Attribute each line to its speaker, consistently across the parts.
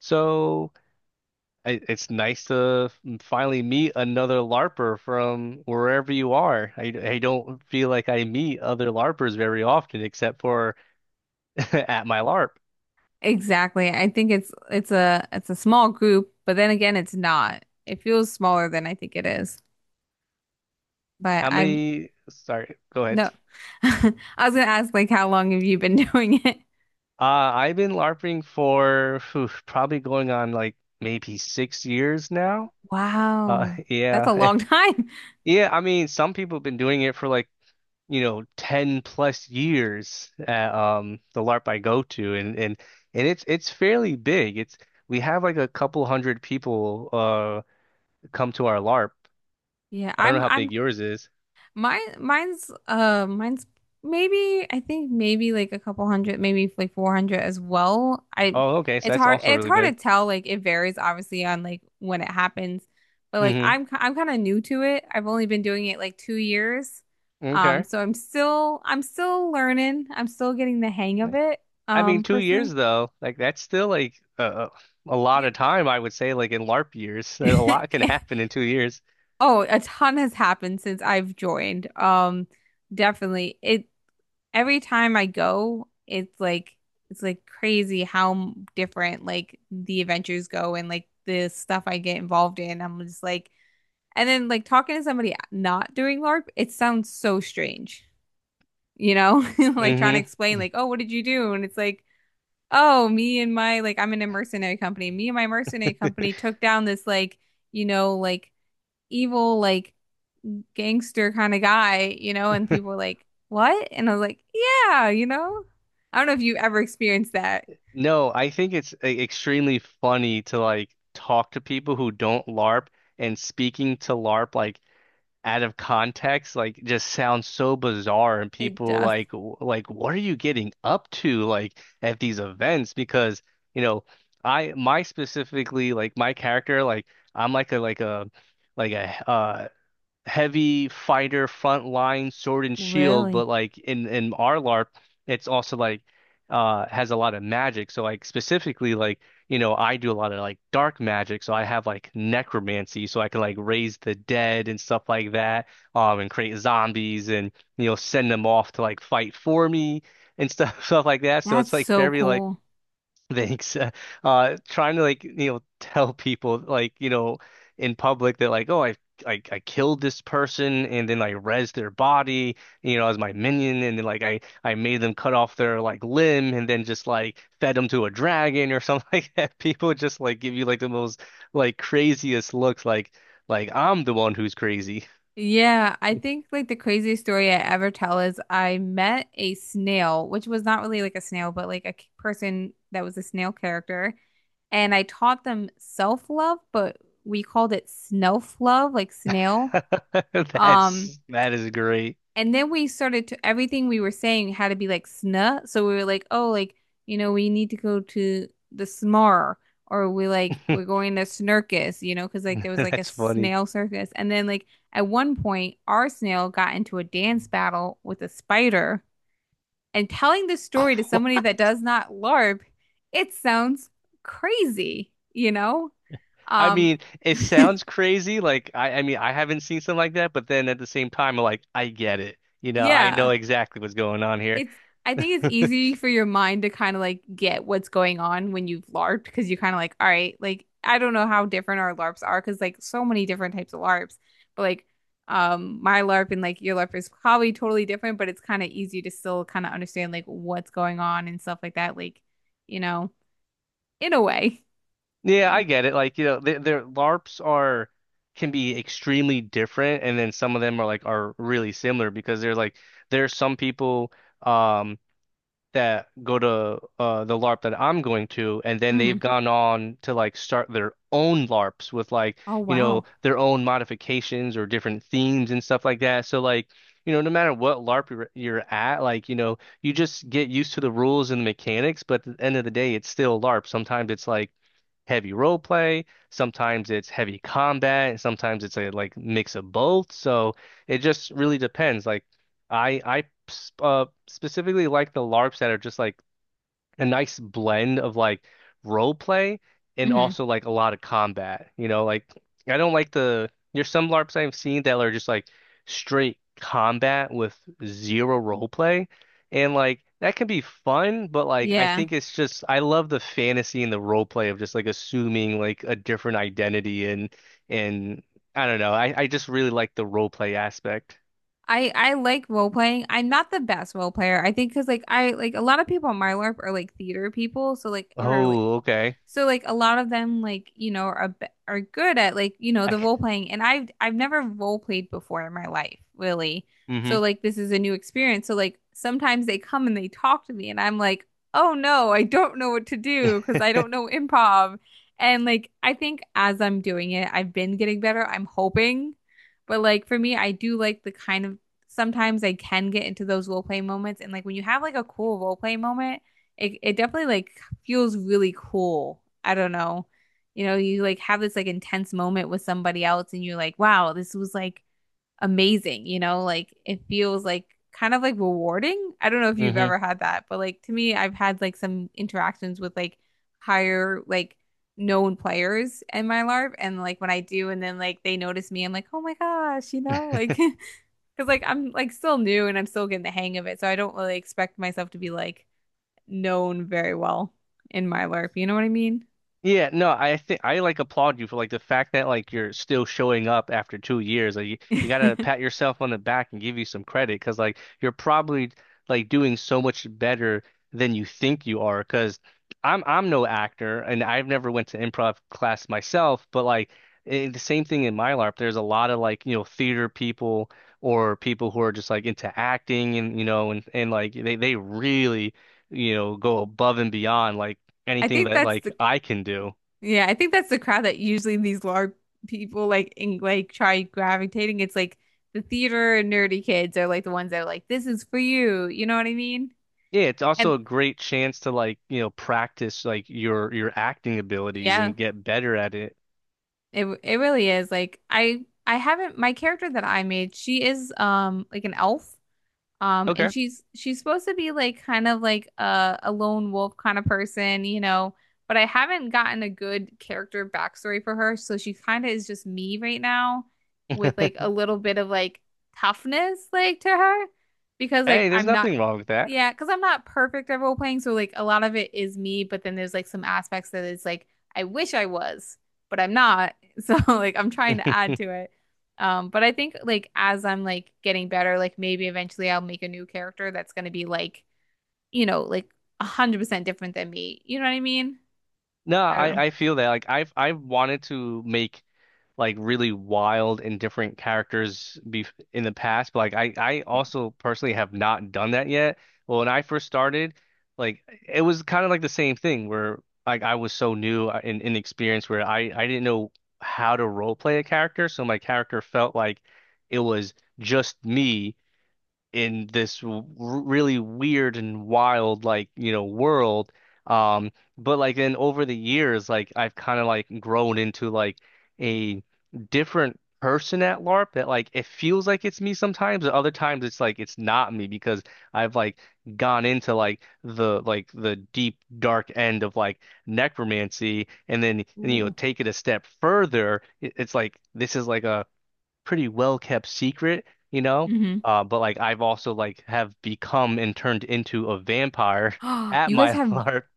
Speaker 1: So I, it's nice to finally meet another LARPer from wherever you are. I don't feel like I meet other LARPers very often, except for at my LARP.
Speaker 2: Exactly. I think it's a small group, but then again, it's not. It feels smaller than I think it is. But
Speaker 1: How
Speaker 2: I'm
Speaker 1: many? Sorry, go ahead.
Speaker 2: no. I was gonna ask like how long have you been doing it?
Speaker 1: Uh, I've been LARPing for probably going on like maybe 6 years now.
Speaker 2: Wow. That's a
Speaker 1: Yeah,
Speaker 2: long time.
Speaker 1: yeah. I mean, some people have been doing it for like you know 10 plus years at the LARP I go to and it's fairly big. It's we have like a couple hundred people come to our LARP.
Speaker 2: Yeah,
Speaker 1: I don't know how
Speaker 2: I'm
Speaker 1: big yours is.
Speaker 2: Mine's maybe I think maybe like a couple hundred, maybe like 400 as well. I
Speaker 1: Oh, okay, so
Speaker 2: it's
Speaker 1: that's
Speaker 2: hard
Speaker 1: also
Speaker 2: it's
Speaker 1: really
Speaker 2: hard to
Speaker 1: big.
Speaker 2: tell, like it varies obviously on like when it happens. But like
Speaker 1: hmm
Speaker 2: I'm kind of new to it. I've only been doing it like 2 years.
Speaker 1: Okay.
Speaker 2: So I'm still learning. I'm still getting the hang of it,
Speaker 1: I mean, 2 years
Speaker 2: personally.
Speaker 1: though, like that's still like a lot
Speaker 2: Yeah.
Speaker 1: of time, I would say, like in LARP years. A lot can happen in 2 years.
Speaker 2: Oh, a ton has happened since I've joined. Definitely. It Every time I go, it's like crazy how different like the adventures go and like the stuff I get involved in. I'm just like, and then like talking to somebody not doing LARP, it sounds so strange, you know? Like trying to
Speaker 1: hmm
Speaker 2: explain like, "Oh, what did you do?" And it's like, oh, me and my like I'm in a mercenary company. Me and my mercenary company took down this like, you know, like evil like gangster kind of guy, you know, and people were like, "What?" And I was like, "Yeah, you know." I don't know if you ever experienced that.
Speaker 1: No, I think it's extremely funny to like talk to people who don't LARP and speaking to LARP like out of context like just sounds so bizarre and
Speaker 2: It
Speaker 1: people
Speaker 2: does.
Speaker 1: like like what are you getting up to like at these events because you know I my specifically like my character like I'm like a like a like a heavy fighter front line sword and shield, but
Speaker 2: Really?
Speaker 1: like in our LARP, it's also like has a lot of magic. So like specifically like you know I do a lot of like dark magic, so I have like necromancy, so I can like raise the dead and stuff like that, and create zombies and you know send them off to like fight for me and stuff stuff like that. So
Speaker 2: That's
Speaker 1: it's like
Speaker 2: so
Speaker 1: very like
Speaker 2: cool.
Speaker 1: Thanks. Trying to like, you know, tell people like, you know, in public that like, oh, I killed this person and then I res their body, you know, as my minion, and then like I made them cut off their like limb and then just like fed them to a dragon or something like that. People just like give you like the most like craziest looks, like I'm the one who's crazy.
Speaker 2: Yeah, I think like the craziest story I ever tell is I met a snail, which was not really like a snail, but like a person that was a snail character, and I taught them self-love, but we called it snelf love, like snail. Um,
Speaker 1: That is great.
Speaker 2: And then we started to everything we were saying had to be like snuh. So we were like, oh, like, you know, we need to go to the smar, or we like we're going to snurkis, you know, because like there was like a
Speaker 1: That's funny.
Speaker 2: snail circus. And then like at one point our snail got into a dance battle with a spider, and telling this story to somebody that does not LARP, it sounds crazy, you know?
Speaker 1: I
Speaker 2: Um,
Speaker 1: mean, it sounds crazy. Like I mean, I haven't seen something like that, but then at the same time, I'm like I get it. You know, I
Speaker 2: yeah.
Speaker 1: know exactly what's going on here.
Speaker 2: It's I think it's easy for your mind to kind of like get what's going on when you've LARPed, because you're kind of like, all right, like I don't know how different our LARPs are because like so many different types of LARPs, but like my LARP and like your LARP is probably totally different, but it's kind of easy to still kind of understand like what's going on and stuff like that, like you know, in a way.
Speaker 1: Yeah, I
Speaker 2: And
Speaker 1: get it. Like, you know, their LARPs are can be extremely different, and then some of them are like are really similar because they're like there are some people um that go to the LARP that I'm going to, and then they've
Speaker 2: mhm.
Speaker 1: gone on to like start their own LARPs with like,
Speaker 2: Oh
Speaker 1: you know,
Speaker 2: wow.
Speaker 1: their own modifications or different themes and stuff like that. So like, you know, no matter what LARP you're at, like, you know, you just get used to the rules and the mechanics, but at the end of the day, it's still LARP. Sometimes it's like heavy role play, sometimes it's heavy combat, and sometimes it's a like mix of both. So it just really depends. Like I I specifically like the LARPs that are just like a nice blend of like role play and
Speaker 2: Hmm.
Speaker 1: also like a lot of combat. You know, like I don't like the there's some LARPs I've seen that are just like straight combat with zero role play. And like that can be fun, but like I
Speaker 2: Yeah.
Speaker 1: think it's just I love the fantasy and the role play of just like assuming like a different identity and I don't know. I just really like the role play aspect.
Speaker 2: I like role playing. I'm not the best role player. I think because like I like a lot of people on my LARP are like theater people, so like or like,
Speaker 1: Oh, okay.
Speaker 2: so like a lot of them like, you know, are good at like, you know,
Speaker 1: I,
Speaker 2: the role playing, and I've never role played before in my life, really.
Speaker 1: mm-hmm.
Speaker 2: So like this is a new experience. So like sometimes they come and they talk to me and I'm like, "Oh no, I don't know what to do because I don't know improv." And like I think as I'm doing it, I've been getting better. I'm hoping. But like for me, I do like the kind of sometimes I can get into those role play moments, and like when you have like a cool role play moment, it definitely like feels really cool. I don't know. You know, you like have this like intense moment with somebody else and you're like, wow, this was like amazing, you know, like it feels like kind of like rewarding. I don't know if you've ever had that, but like to me, I've had like some interactions with like higher like known players in my LARP and like when I do and then like they notice me, I'm like, "Oh my gosh," you know, like because like I'm like still new and I'm still getting the hang of it, so I don't really expect myself to be like known very well in my LARP. You know what I mean?
Speaker 1: Yeah, no, I think I like applaud you for like the fact that like you're still showing up after 2 years. Like you gotta pat yourself on the back and give you some credit because like you're probably like doing so much better than you think you are. Because I'm no actor and I've never went to improv class myself, but like I the same thing in my LARP. There's a lot of like you know theater people or people who are just like into acting and you know and like they really you know go above and beyond like
Speaker 2: I
Speaker 1: anything
Speaker 2: think
Speaker 1: that
Speaker 2: that's
Speaker 1: like
Speaker 2: the
Speaker 1: I can do.
Speaker 2: Yeah, I think that's the crowd that usually these LARP people like in like try gravitating. It's like the theater and nerdy kids are like the ones that are like, this is for you. You know what I mean?
Speaker 1: Yeah, it's
Speaker 2: And
Speaker 1: also a great chance to like, you know, practice like your acting abilities
Speaker 2: Yeah,
Speaker 1: and get better at it.
Speaker 2: it really is. Like I haven't My character that I made, she is like an elf. And
Speaker 1: Okay.
Speaker 2: she's supposed to be like kind of like a lone wolf kind of person, you know, but I haven't gotten a good character backstory for her, so she kind of is just me right now with like a little bit of like toughness like to her, because like
Speaker 1: Hey, there's
Speaker 2: I'm not
Speaker 1: nothing wrong with that.
Speaker 2: yeah, because I'm not perfect at role playing, so like a lot of it is me, but then there's like some aspects that is like I wish I was, but I'm not. So like I'm trying to add to it. But I think like as I'm like getting better, like maybe eventually I'll make a new character that's gonna be like, you know, like 100% different than me. You know what I mean?
Speaker 1: No,
Speaker 2: I don't know.
Speaker 1: I feel that like I've wanted to make like really wild and different characters be in the past, but like I
Speaker 2: Yeah.
Speaker 1: also personally have not done that yet. Well, when I first started, like it was kind of like the same thing where like I was so new and inexperienced where I didn't know how to role play a character, so my character felt like it was just me in this w really weird and wild like you know world um but like then over the years like I've kind of like grown into like a different person at LARP that like it feels like it's me sometimes and other times it's like it's not me because I've like gone into like the deep dark end of like necromancy and then you know
Speaker 2: Ooh.
Speaker 1: take it a step further it's like this is like a pretty well kept secret, you know.
Speaker 2: Mm-hmm.
Speaker 1: But like I've also like have become and turned into a vampire
Speaker 2: Oh,
Speaker 1: at
Speaker 2: you guys
Speaker 1: my
Speaker 2: have
Speaker 1: heart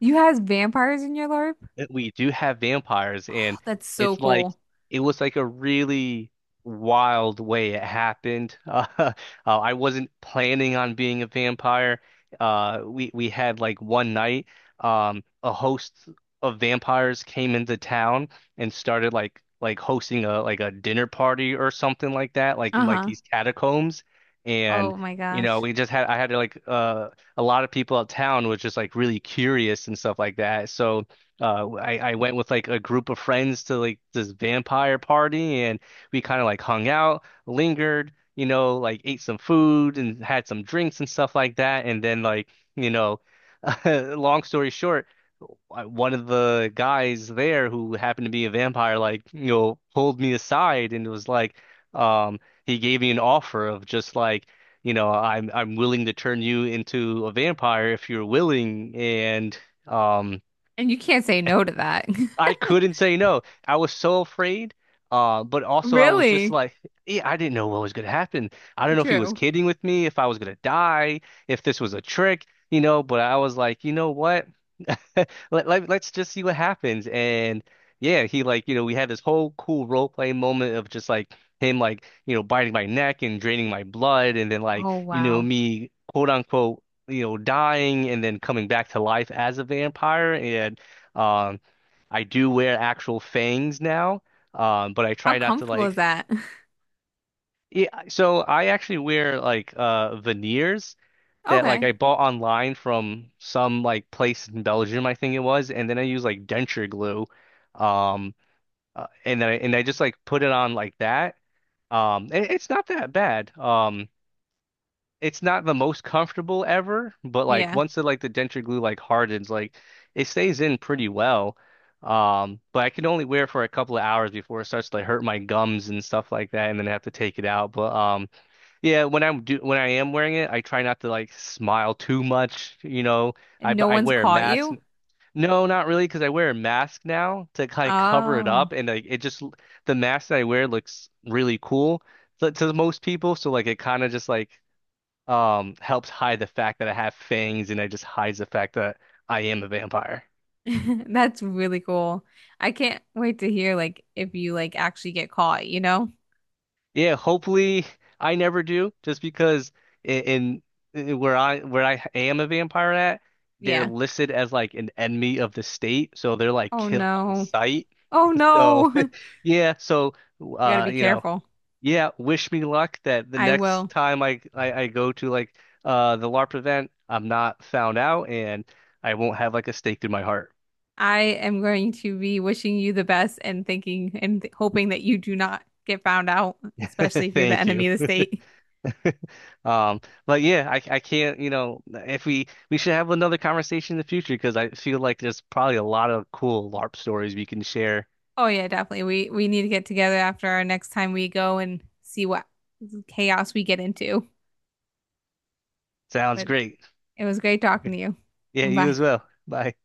Speaker 2: you has vampires in your LARP?
Speaker 1: we do have vampires
Speaker 2: Oh,
Speaker 1: and
Speaker 2: that's so
Speaker 1: it's like
Speaker 2: cool.
Speaker 1: it was like a really wild way it happened I wasn't planning on being a vampire we had like one night a host of vampires came into town and started like hosting a like a dinner party or something like that like in like
Speaker 2: Uh-huh.
Speaker 1: these catacombs and
Speaker 2: Oh my
Speaker 1: you know
Speaker 2: gosh.
Speaker 1: we just had I had like a lot of people out town was just like really curious and stuff like that so I went with like a group of friends to like this vampire party and we kind of like hung out, lingered, you know, like ate some food and had some drinks and stuff like that and then like, you know, long story short, one of the guys there who happened to be a vampire like, you know, pulled me aside and was like um he gave me an offer of just like you know, I'm willing to turn you into a vampire if you're willing, and um,
Speaker 2: And you can't say no to that.
Speaker 1: I couldn't say no. I was so afraid. But also I was just
Speaker 2: Really?
Speaker 1: like, yeah, I didn't know what was gonna happen. I don't know if he was
Speaker 2: True.
Speaker 1: kidding with me, if I was gonna die, if this was a trick, you know, but I was like, you know what? Let's just see what happens. And yeah, he like, you know, we had this whole cool role play moment of just like him like, you know, biting my neck and draining my blood and then like,
Speaker 2: Oh
Speaker 1: you know,
Speaker 2: wow.
Speaker 1: me quote unquote, you know, dying and then coming back to life as a vampire and um I do wear actual fangs now, but I
Speaker 2: How
Speaker 1: try not to
Speaker 2: comfortable is
Speaker 1: like.
Speaker 2: that?
Speaker 1: Yeah, so I actually wear like veneers that like
Speaker 2: Okay.
Speaker 1: I bought online from some like place in Belgium, I think it was, and then I use like denture glue, um, and then and I just like put it on like that. And it's not that bad. It's not the most comfortable ever, but like
Speaker 2: Yeah.
Speaker 1: once the like the denture glue like hardens, like it stays in pretty well. But I can only wear it for a couple of hours before it starts to like hurt my gums and stuff like that, and then I have to take it out. But yeah, when I am wearing it, I try not to like smile too much. You know,
Speaker 2: And no
Speaker 1: I
Speaker 2: one's
Speaker 1: wear a
Speaker 2: caught
Speaker 1: mask.
Speaker 2: you?
Speaker 1: No, not really, because I wear a mask now to kind of cover it
Speaker 2: Oh.
Speaker 1: up, and like it just the mask that I wear looks really cool to most people. So like it kind of just like helps hide the fact that I have fangs and it just hides the fact that I am a vampire.
Speaker 2: That's really cool. I can't wait to hear like if you like actually get caught, you know?
Speaker 1: Yeah, hopefully I never do, just because in, in in where I am a vampire at, they're
Speaker 2: Yeah.
Speaker 1: listed as like an enemy of the state, so they're like
Speaker 2: Oh
Speaker 1: killed on
Speaker 2: no.
Speaker 1: sight.
Speaker 2: Oh
Speaker 1: So
Speaker 2: no.
Speaker 1: yeah, so
Speaker 2: You got to be
Speaker 1: you know,
Speaker 2: careful.
Speaker 1: yeah, wish me luck that the
Speaker 2: I
Speaker 1: next
Speaker 2: will.
Speaker 1: time I go to like the LARP event, I'm not found out and I won't have like a stake through my heart.
Speaker 2: I am going to be wishing you the best and thinking and th hoping that you do not get found out, especially if you're the
Speaker 1: Thank you.
Speaker 2: enemy of the state.
Speaker 1: Um, but yeah, I can't, you know, if we should have another conversation in the future because I feel like there's probably a lot of cool LARP stories we can share.
Speaker 2: Oh yeah, definitely. We need to get together after our next time we go and see what chaos we get into.
Speaker 1: Sounds
Speaker 2: But
Speaker 1: great.
Speaker 2: it was great talking to you.
Speaker 1: Yeah, you
Speaker 2: Bye.
Speaker 1: as well. Bye.